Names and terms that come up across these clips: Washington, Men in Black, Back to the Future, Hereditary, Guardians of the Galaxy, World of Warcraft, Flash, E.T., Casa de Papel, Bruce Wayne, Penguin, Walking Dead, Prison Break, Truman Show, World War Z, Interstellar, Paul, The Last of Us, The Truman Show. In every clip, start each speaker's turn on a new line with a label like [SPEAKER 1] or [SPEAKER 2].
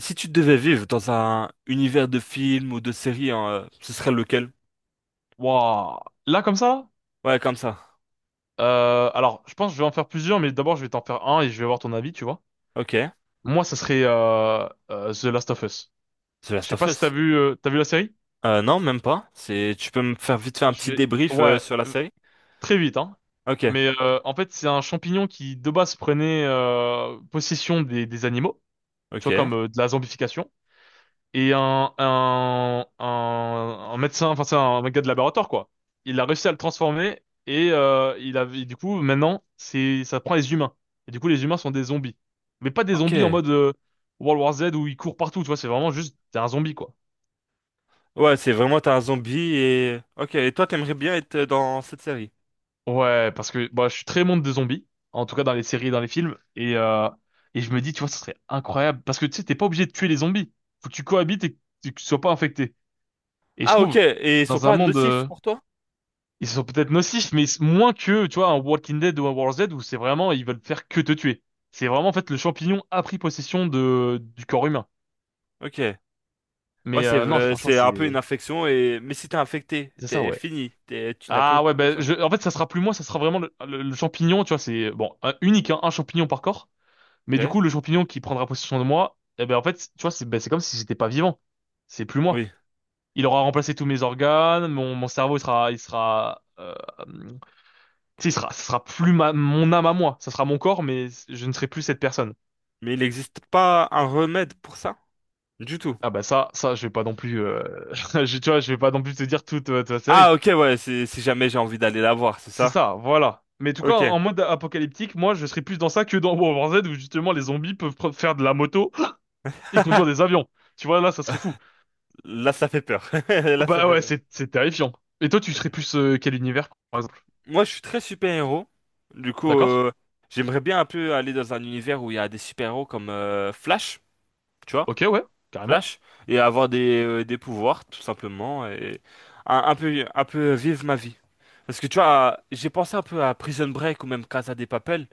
[SPEAKER 1] Si tu devais vivre dans un univers de film ou de série, hein, ce serait lequel?
[SPEAKER 2] Waouh. Là, comme ça?
[SPEAKER 1] Ouais, comme ça.
[SPEAKER 2] Alors, je pense que je vais en faire plusieurs, mais d'abord, je vais t'en faire un et je vais voir ton avis, tu vois.
[SPEAKER 1] Ok.
[SPEAKER 2] Moi, ça serait The Last of Us.
[SPEAKER 1] The
[SPEAKER 2] Je
[SPEAKER 1] Last
[SPEAKER 2] sais
[SPEAKER 1] of
[SPEAKER 2] pas si t'as
[SPEAKER 1] Us.
[SPEAKER 2] vu, t'as vu la série?
[SPEAKER 1] Non, même pas. C'est, tu peux me faire vite faire un petit
[SPEAKER 2] Je vais-
[SPEAKER 1] débrief
[SPEAKER 2] Ouais,
[SPEAKER 1] sur la série?
[SPEAKER 2] très vite, hein.
[SPEAKER 1] Ok.
[SPEAKER 2] Mais en fait, c'est un champignon qui, de base, prenait possession des animaux, tu vois,
[SPEAKER 1] Ok.
[SPEAKER 2] comme de la zombification. Et un médecin, enfin c'est un gars de laboratoire quoi. Il a réussi à le transformer et du coup maintenant c'est, ça prend les humains. Et du coup les humains sont des zombies, mais pas des zombies en
[SPEAKER 1] Ok.
[SPEAKER 2] mode World War Z où ils courent partout, tu vois. C'est vraiment juste t'es un zombie quoi.
[SPEAKER 1] Ouais, c'est vraiment t'as un zombie et. Ok. Et toi, t'aimerais bien être dans cette série?
[SPEAKER 2] Ouais, parce que bah, je suis très monde des zombies, en tout cas dans les séries et dans les films, et je me dis, tu vois, ça serait incroyable, parce que tu sais, t'es pas obligé de tuer les zombies, faut que tu cohabites et que tu sois pas infecté. Et je
[SPEAKER 1] Ah, ok.
[SPEAKER 2] trouve,
[SPEAKER 1] Et ils sont
[SPEAKER 2] dans un
[SPEAKER 1] pas
[SPEAKER 2] monde
[SPEAKER 1] nocifs
[SPEAKER 2] euh,
[SPEAKER 1] pour toi?
[SPEAKER 2] Ils sont peut-être nocifs, mais moins que, tu vois, un Walking Dead ou un World Z où c'est vraiment, ils veulent faire que te tuer. C'est vraiment, en fait, le champignon a pris possession du corps humain.
[SPEAKER 1] Ok. Ouais,
[SPEAKER 2] Mais non, franchement,
[SPEAKER 1] c'est un peu une
[SPEAKER 2] c'est
[SPEAKER 1] infection et mais si t'es infecté,
[SPEAKER 2] c'est ça,
[SPEAKER 1] t'es
[SPEAKER 2] ouais.
[SPEAKER 1] fini. Tu n'as plus
[SPEAKER 2] Ah ouais,
[SPEAKER 1] aucune
[SPEAKER 2] ben,
[SPEAKER 1] conscience.
[SPEAKER 2] en fait, ça sera plus moi, ça sera vraiment le champignon, tu vois, c'est, bon, unique, hein, un champignon par corps. Mais du
[SPEAKER 1] Ok.
[SPEAKER 2] coup, le champignon qui prendra possession de moi, eh ben, en fait, tu vois, c'est comme si j'étais pas vivant. C'est plus moi.
[SPEAKER 1] Oui.
[SPEAKER 2] Il aura remplacé tous mes organes, mon cerveau, il sera. Tu sais, ce sera plus mon âme à moi, ça sera mon corps, mais je ne serai plus cette personne.
[SPEAKER 1] Mais il n'existe pas un remède pour ça? Du tout.
[SPEAKER 2] Ah bah ça, ça, je vais pas non plus, tu vois, je vais pas non plus te dire toute ta
[SPEAKER 1] Ah
[SPEAKER 2] série.
[SPEAKER 1] ok ouais, si jamais j'ai envie d'aller la voir, c'est
[SPEAKER 2] C'est
[SPEAKER 1] ça?
[SPEAKER 2] ça, voilà. Mais en tout cas,
[SPEAKER 1] Ok.
[SPEAKER 2] en mode apocalyptique, moi, je serais plus dans ça que dans World War Z, où justement les zombies peuvent faire de la moto et conduire des avions. Tu vois, là, ça serait fou.
[SPEAKER 1] Là ça fait peur. Là ça
[SPEAKER 2] Bah
[SPEAKER 1] fait
[SPEAKER 2] ouais,
[SPEAKER 1] peur.
[SPEAKER 2] c'est terrifiant. Et toi, tu serais
[SPEAKER 1] Ok.
[SPEAKER 2] plus quel univers, par exemple?
[SPEAKER 1] Moi je suis très super-héros. Du coup,
[SPEAKER 2] D'accord?
[SPEAKER 1] j'aimerais bien un peu aller dans un univers où il y a des super-héros comme Flash, tu vois?
[SPEAKER 2] Ok, ouais, carrément.
[SPEAKER 1] Flash. Et avoir des pouvoirs, tout simplement. Et un peu vivre ma vie. Parce que tu vois, j'ai pensé un peu à Prison Break ou même Casa de Papel.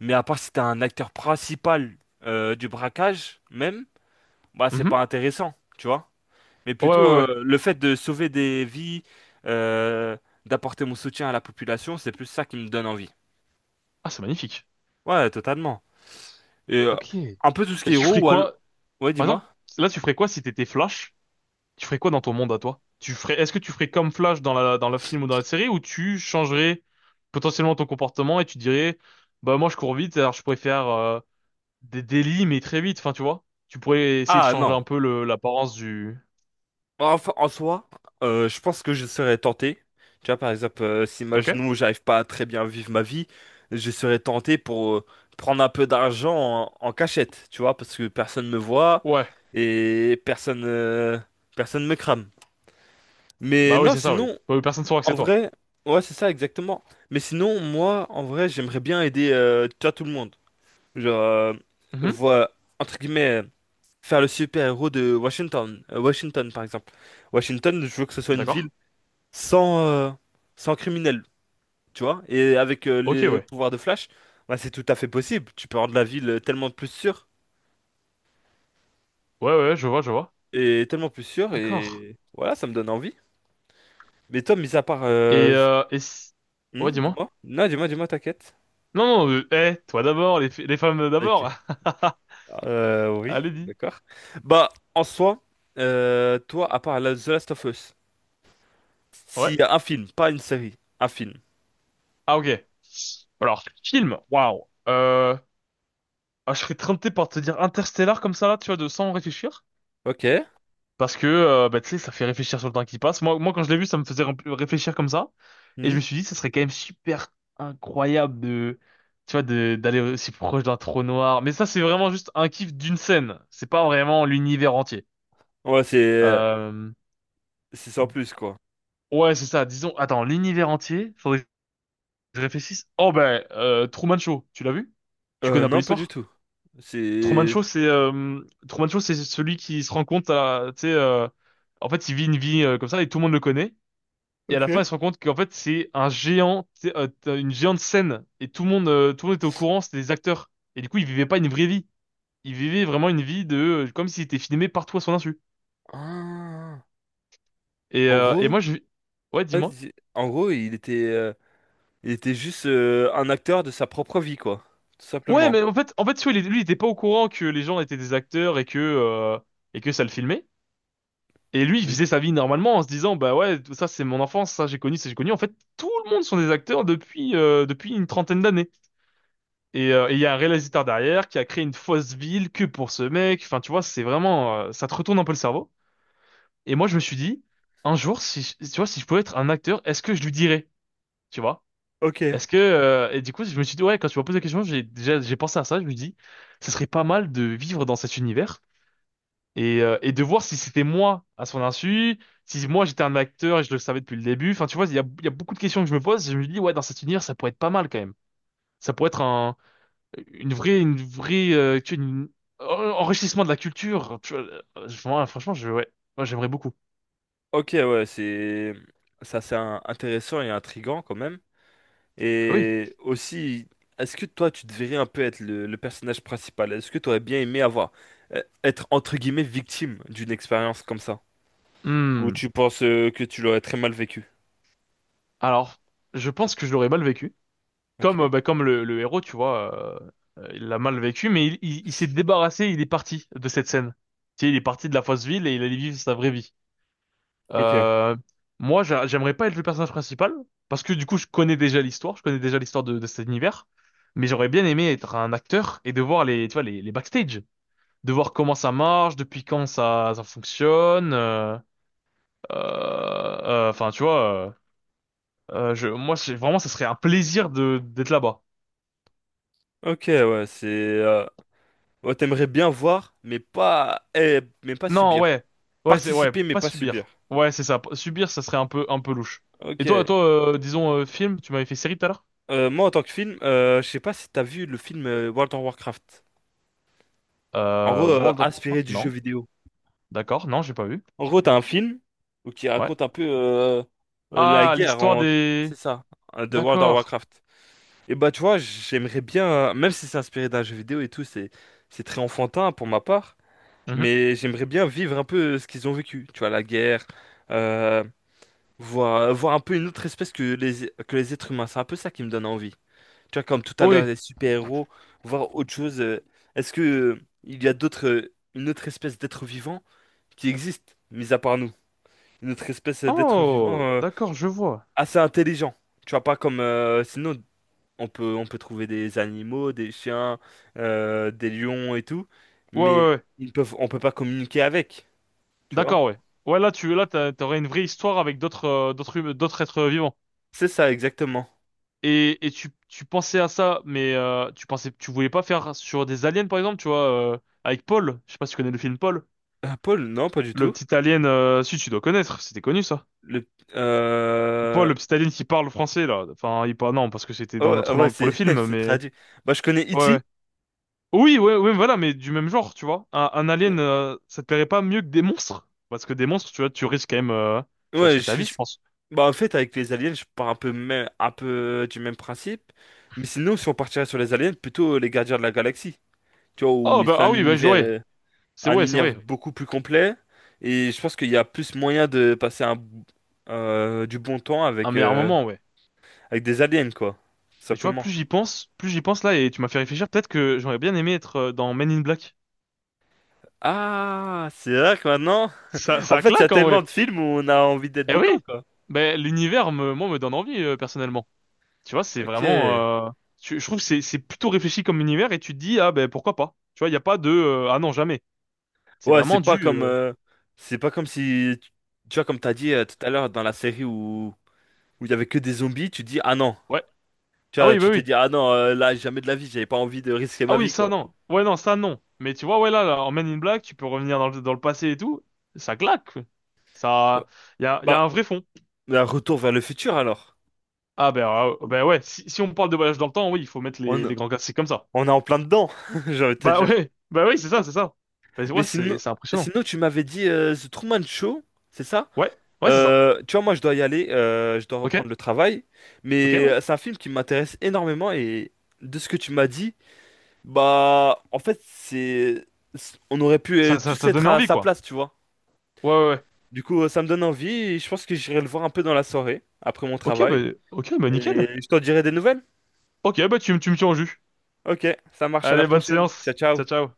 [SPEAKER 1] Mais à part si t'es un acteur principal du braquage même, bah c'est pas
[SPEAKER 2] Mhm.
[SPEAKER 1] intéressant, tu vois? Mais
[SPEAKER 2] Ouais, ouais,
[SPEAKER 1] plutôt
[SPEAKER 2] ouais.
[SPEAKER 1] le fait de sauver des vies, euh, d'apporter mon soutien à la population, c'est plus ça qui me donne envie.
[SPEAKER 2] Ah, c'est magnifique.
[SPEAKER 1] Ouais, totalement. Et
[SPEAKER 2] Ok. Et
[SPEAKER 1] un peu tout ce qui est
[SPEAKER 2] tu
[SPEAKER 1] héros,
[SPEAKER 2] ferais quoi?
[SPEAKER 1] ouais,
[SPEAKER 2] Par
[SPEAKER 1] dis-moi.
[SPEAKER 2] exemple, là, tu ferais quoi si t'étais Flash? Tu ferais quoi dans ton monde à toi? Est-ce que tu ferais comme Flash dans le film ou dans la série ou tu changerais potentiellement ton comportement et tu dirais, bah moi je cours vite, alors je pourrais faire des délits mais très vite, enfin tu vois? Tu pourrais essayer de
[SPEAKER 1] Ah
[SPEAKER 2] changer
[SPEAKER 1] non.
[SPEAKER 2] un peu l'apparence du.
[SPEAKER 1] Enfin, en soi, je pense que je serais tenté. Tu vois, par exemple, si
[SPEAKER 2] Ok?
[SPEAKER 1] imaginons j'arrive pas à très bien vivre ma vie, je serais tenté pour prendre un peu d'argent en cachette, tu vois, parce que personne me voit
[SPEAKER 2] Ouais.
[SPEAKER 1] et personne me crame. Mais
[SPEAKER 2] Bah oui,
[SPEAKER 1] non,
[SPEAKER 2] c'est ça, oui.
[SPEAKER 1] sinon.
[SPEAKER 2] Bah oui, personne ne saura que
[SPEAKER 1] En
[SPEAKER 2] c'est toi.
[SPEAKER 1] vrai, ouais, c'est ça, exactement. Mais sinon, moi, en vrai, j'aimerais bien aider, tu vois, tout le monde. Genre,
[SPEAKER 2] Mhm.
[SPEAKER 1] voir, entre guillemets, faire le super-héros de Washington. Washington, par exemple. Washington, je veux que ce soit une
[SPEAKER 2] D'accord.
[SPEAKER 1] ville sans, euh, sans criminels, tu vois. Et avec
[SPEAKER 2] Ok,
[SPEAKER 1] les
[SPEAKER 2] ouais.
[SPEAKER 1] pouvoirs de Flash, bah, c'est tout à fait possible. Tu peux rendre la ville tellement plus sûre,
[SPEAKER 2] Ouais, ouais, je vois, je vois.
[SPEAKER 1] et tellement plus sûre,
[SPEAKER 2] D'accord.
[SPEAKER 1] et voilà, ça me donne envie. Mais toi, mis à part...
[SPEAKER 2] Et, euh, et... si- Ouais, dis-moi.
[SPEAKER 1] dis-moi. Non, dis-moi, dis-moi, t'inquiète.
[SPEAKER 2] Non, non, toi d'abord, les femmes
[SPEAKER 1] Ok.
[SPEAKER 2] d'abord.
[SPEAKER 1] Oui,
[SPEAKER 2] Allez, dis.
[SPEAKER 1] d'accord. Bah, en soi, toi, à part The Last of Us,
[SPEAKER 2] Ouais.
[SPEAKER 1] s'il y a un film, pas une série, un film.
[SPEAKER 2] Ah ok. Alors, film, waouh. Euh, ah, je serais tenté par te dire Interstellar comme ça là, tu vois, de sans réfléchir.
[SPEAKER 1] Ok.
[SPEAKER 2] Parce que, bah, tu sais, ça fait réfléchir sur le temps qui passe. Moi, moi quand je l'ai vu, ça me faisait réfléchir comme ça. Et
[SPEAKER 1] Hmm.
[SPEAKER 2] je me suis dit, ça serait quand même super incroyable de, tu vois, d'aller aussi proche d'un trou noir. Mais ça, c'est vraiment juste un kiff d'une scène. C'est pas vraiment l'univers entier.
[SPEAKER 1] Ouais,
[SPEAKER 2] Euh,
[SPEAKER 1] c'est sans plus, quoi.
[SPEAKER 2] ouais, c'est ça. Disons, attends, l'univers entier, faudrait que je réfléchisse. Oh ben, Truman Show, tu l'as vu? Tu connais un peu
[SPEAKER 1] Non, pas du
[SPEAKER 2] l'histoire?
[SPEAKER 1] tout.
[SPEAKER 2] Truman
[SPEAKER 1] C'est...
[SPEAKER 2] Show, c'est euh, Truman Show, c'est celui qui se rend compte tu sais, en fait, il vit une vie comme ça et tout le monde le connaît. Et à
[SPEAKER 1] Ok.
[SPEAKER 2] la fin, il se rend compte qu'en fait, c'est un géant, tu sais, t'as une géante scène. Et tout le monde était au courant, c'était des acteurs. Et du coup, il vivait pas une vraie vie. Il vivait vraiment une vie comme s'il était filmé partout à son insu.
[SPEAKER 1] Ah.
[SPEAKER 2] Et,
[SPEAKER 1] En
[SPEAKER 2] euh, et
[SPEAKER 1] gros,
[SPEAKER 2] moi, ouais, dis-moi.
[SPEAKER 1] vas-y. En gros, il il était juste un acteur de sa propre vie, quoi. Tout
[SPEAKER 2] Ouais,
[SPEAKER 1] simplement.
[SPEAKER 2] mais en fait, tu vois, lui, il était pas au courant que les gens étaient des acteurs et que ça le filmait. Et lui, il
[SPEAKER 1] Oui.
[SPEAKER 2] faisait sa vie normalement en se disant, bah ouais, tout ça c'est mon enfance, ça j'ai connu, ça j'ai connu. En fait, tout le monde sont des acteurs depuis une trentaine d'années. Et il y a un réalisateur derrière qui a créé une fausse ville que pour ce mec. Enfin, tu vois, c'est vraiment, ça te retourne un peu le cerveau. Et moi, je me suis dit, un jour, si je- tu vois, si je pouvais être un acteur, est-ce que je lui dirais, tu vois?
[SPEAKER 1] Ok.
[SPEAKER 2] Est-ce que Et du coup, je me suis dit, ouais, quand tu m'as posé la question, j'ai déjà j'ai pensé à ça. Je me dis, ce serait pas mal de vivre dans cet univers. Et de voir si c'était moi à son insu, si moi j'étais un acteur et je le savais depuis le début. Enfin, tu vois, il y a beaucoup de questions que je me pose. Je me dis, ouais, dans cet univers, ça pourrait être pas mal quand même. Ça pourrait être tu vois, un enrichissement de la culture. Tu vois, moi, franchement, ouais, moi j'aimerais beaucoup.
[SPEAKER 1] Ok, ouais, c'est... Ça, c'est intéressant et intriguant, quand même.
[SPEAKER 2] Ah oui.
[SPEAKER 1] Et aussi, est-ce que toi, tu devrais un peu être le personnage principal? Est-ce que tu aurais bien aimé avoir, être entre guillemets victime d'une expérience comme ça? Ou
[SPEAKER 2] Hmm.
[SPEAKER 1] tu penses que tu l'aurais très mal vécu?
[SPEAKER 2] Alors, je pense que je l'aurais mal vécu.
[SPEAKER 1] Ok.
[SPEAKER 2] Comme, bah, comme le héros, tu vois, il l'a mal vécu, mais il s'est débarrassé, il est parti de cette scène. Tu sais, il est parti de la fausse ville et il allait vivre sa vraie vie.
[SPEAKER 1] Ok.
[SPEAKER 2] Euh, moi, j'aimerais pas être le personnage principal, parce que du coup, je connais déjà l'histoire, je connais déjà l'histoire de cet univers, mais j'aurais bien aimé être un acteur et de voir tu vois, les backstage, de voir comment ça marche, depuis quand ça fonctionne. Enfin, tu vois, moi, vraiment, ça serait un plaisir de d'être là-bas.
[SPEAKER 1] Ok, ouais, c'est... ouais, t'aimerais bien voir, mais pas, eh, mais pas
[SPEAKER 2] Non,
[SPEAKER 1] subir.
[SPEAKER 2] ouais, ouais, c'est ouais,
[SPEAKER 1] Participer, mais
[SPEAKER 2] pas
[SPEAKER 1] pas subir.
[SPEAKER 2] subir. Ouais, c'est ça. Subir, ça serait un peu louche.
[SPEAKER 1] Ok.
[SPEAKER 2] Et toi, toi, disons film, tu m'avais fait série tout à l'heure?
[SPEAKER 1] Moi, en tant que film, je sais pas si t'as vu le film World of Warcraft. En gros,
[SPEAKER 2] World of
[SPEAKER 1] inspiré
[SPEAKER 2] Warcraft,
[SPEAKER 1] du jeu
[SPEAKER 2] non?
[SPEAKER 1] vidéo.
[SPEAKER 2] D'accord, non, j'ai pas vu.
[SPEAKER 1] En gros, t'as un film où qui
[SPEAKER 2] Ouais.
[SPEAKER 1] raconte un peu la
[SPEAKER 2] Ah,
[SPEAKER 1] guerre
[SPEAKER 2] l'histoire
[SPEAKER 1] en... C'est
[SPEAKER 2] des.
[SPEAKER 1] ça, de World of
[SPEAKER 2] D'accord.
[SPEAKER 1] Warcraft. Et bah tu vois, j'aimerais bien, même si c'est inspiré d'un jeu vidéo et tout, c'est très enfantin pour ma part,
[SPEAKER 2] Mhm.
[SPEAKER 1] mais j'aimerais bien vivre un peu ce qu'ils ont vécu. Tu vois, la guerre, euh, voir, voir un peu une autre espèce que que les êtres humains. C'est un peu ça qui me donne envie. Tu vois, comme tout à l'heure,
[SPEAKER 2] Oui.
[SPEAKER 1] les super-héros, voir autre chose. Est-ce que il y a d'autres, une autre espèce d'être vivant qui existe, mis à part nous? Une autre espèce d'être vivant
[SPEAKER 2] Oh, d'accord, je vois.
[SPEAKER 1] assez intelligent. Tu vois, pas comme... sinon, on on peut trouver des animaux, des chiens, des lions et tout,
[SPEAKER 2] Ouais,
[SPEAKER 1] mais
[SPEAKER 2] ouais, ouais.
[SPEAKER 1] ils peuvent, on peut pas communiquer avec, tu vois?
[SPEAKER 2] D'accord, ouais. Ouais, là, là, t'aurais une vraie histoire avec d'autres êtres vivants.
[SPEAKER 1] C'est ça, exactement.
[SPEAKER 2] Et tu pensais à ça, mais tu voulais pas faire sur des aliens, par exemple, tu vois, euh, avec Paul. Je sais pas si tu connais le film Paul.
[SPEAKER 1] Paul, non, pas du
[SPEAKER 2] Le
[SPEAKER 1] tout.
[SPEAKER 2] petit alien, si tu dois connaître, c'était connu ça.
[SPEAKER 1] Le...
[SPEAKER 2] Paul,
[SPEAKER 1] Euh...
[SPEAKER 2] le petit alien qui parle français là. Enfin, il parle non, parce que c'était
[SPEAKER 1] Oh,
[SPEAKER 2] dans
[SPEAKER 1] ah
[SPEAKER 2] notre
[SPEAKER 1] ouais,
[SPEAKER 2] langue pour le
[SPEAKER 1] c'est
[SPEAKER 2] film,
[SPEAKER 1] c'est
[SPEAKER 2] mais
[SPEAKER 1] traduit. Bah, je connais
[SPEAKER 2] ouais. Ouais.
[SPEAKER 1] E.T.
[SPEAKER 2] Oui, ouais, ouais, voilà, mais du même genre, tu vois. Un alien, ça te plairait pas mieux que des monstres? Parce que des monstres, tu vois, tu risques quand même, tu
[SPEAKER 1] Ouais,
[SPEAKER 2] risques ta
[SPEAKER 1] je...
[SPEAKER 2] vie, je pense.
[SPEAKER 1] Bah, en fait, avec les aliens, je pars un peu, même, un peu du même principe. Mais sinon, si on partirait sur les aliens, plutôt les gardiens de la galaxie. Tu vois, où
[SPEAKER 2] Oh, bah,
[SPEAKER 1] c'est
[SPEAKER 2] ah oui, bah, jouer. C'est
[SPEAKER 1] un
[SPEAKER 2] vrai, c'est
[SPEAKER 1] univers
[SPEAKER 2] vrai.
[SPEAKER 1] beaucoup plus complet. Et je pense qu'il y a plus moyen de passer un, du bon temps
[SPEAKER 2] Un
[SPEAKER 1] avec,
[SPEAKER 2] meilleur moment, ouais.
[SPEAKER 1] avec des aliens, quoi. Tout
[SPEAKER 2] Mais tu vois,
[SPEAKER 1] simplement.
[SPEAKER 2] plus j'y pense là, et tu m'as fait réfléchir, peut-être que j'aurais bien aimé être dans Men in Black.
[SPEAKER 1] Ah, c'est vrai que maintenant,
[SPEAKER 2] Ça,
[SPEAKER 1] en
[SPEAKER 2] ça
[SPEAKER 1] fait, il y a
[SPEAKER 2] claque, en
[SPEAKER 1] tellement
[SPEAKER 2] vrai.
[SPEAKER 1] de films où on a envie d'être
[SPEAKER 2] Eh
[SPEAKER 1] dedans,
[SPEAKER 2] oui!
[SPEAKER 1] quoi.
[SPEAKER 2] Ben, l'univers, moi, me donne envie, personnellement. Tu vois, c'est
[SPEAKER 1] Ok.
[SPEAKER 2] vraiment, je trouve que c'est plutôt réfléchi comme univers, et tu te dis, ah, ben, pourquoi pas? Tu vois, il n'y a pas ah non, jamais. C'est
[SPEAKER 1] Ouais,
[SPEAKER 2] vraiment du,
[SPEAKER 1] c'est pas comme si, tu vois, comme t'as dit tout à l'heure dans la série où où il y avait que des zombies, tu dis ah non,
[SPEAKER 2] ouais.
[SPEAKER 1] tu
[SPEAKER 2] Ah
[SPEAKER 1] vois,
[SPEAKER 2] oui, bah
[SPEAKER 1] tu t'es
[SPEAKER 2] oui.
[SPEAKER 1] dit ah non, là jamais de la vie, j'avais pas envie de risquer
[SPEAKER 2] Ah
[SPEAKER 1] ma
[SPEAKER 2] oui,
[SPEAKER 1] vie,
[SPEAKER 2] ça
[SPEAKER 1] quoi.
[SPEAKER 2] non. Ouais, non, ça non. Mais tu vois, ouais, là, là, en Men in Black, tu peux revenir dans le passé et tout. Ça claque.
[SPEAKER 1] Ouais.
[SPEAKER 2] Ça, il y a
[SPEAKER 1] Bah,
[SPEAKER 2] un vrai fond.
[SPEAKER 1] bah, retour vers le futur alors.
[SPEAKER 2] Ah, ben ouais, si on parle de voyage dans le temps, oui, il faut mettre les,
[SPEAKER 1] On,
[SPEAKER 2] les grands classiques comme ça.
[SPEAKER 1] On est en plein dedans, j'ai envie de te
[SPEAKER 2] Bah
[SPEAKER 1] dire.
[SPEAKER 2] ouais, bah oui, c'est ça, c'est ça. Bah
[SPEAKER 1] Mais
[SPEAKER 2] ouais, c'est
[SPEAKER 1] sinon,
[SPEAKER 2] c'est impressionnant.
[SPEAKER 1] sinon tu m'avais dit The Truman Show, c'est ça?
[SPEAKER 2] Ouais, ouais, c'est ça.
[SPEAKER 1] Tu vois, moi, je dois y aller, je dois
[SPEAKER 2] Ok,
[SPEAKER 1] reprendre le travail.
[SPEAKER 2] ok,
[SPEAKER 1] Mais
[SPEAKER 2] ouais.
[SPEAKER 1] c'est un film qui m'intéresse énormément et de ce que tu m'as dit, bah, en fait, c'est, on aurait pu
[SPEAKER 2] Ça
[SPEAKER 1] tous
[SPEAKER 2] t'a
[SPEAKER 1] être
[SPEAKER 2] donné
[SPEAKER 1] à
[SPEAKER 2] envie,
[SPEAKER 1] sa
[SPEAKER 2] quoi.
[SPEAKER 1] place, tu vois.
[SPEAKER 2] Ouais, ouais, ouais.
[SPEAKER 1] Du coup, ça me donne envie et je pense que j'irai le voir un peu dans la soirée, après mon
[SPEAKER 2] Ok, bah,
[SPEAKER 1] travail.
[SPEAKER 2] ok, bah nickel.
[SPEAKER 1] Et je t'en dirai des nouvelles.
[SPEAKER 2] Ok, bah tu me tiens au jus.
[SPEAKER 1] Ok, ça marche, à la
[SPEAKER 2] Allez, bonne
[SPEAKER 1] prochaine. Ciao,
[SPEAKER 2] séance.
[SPEAKER 1] ciao.
[SPEAKER 2] Ciao, ciao.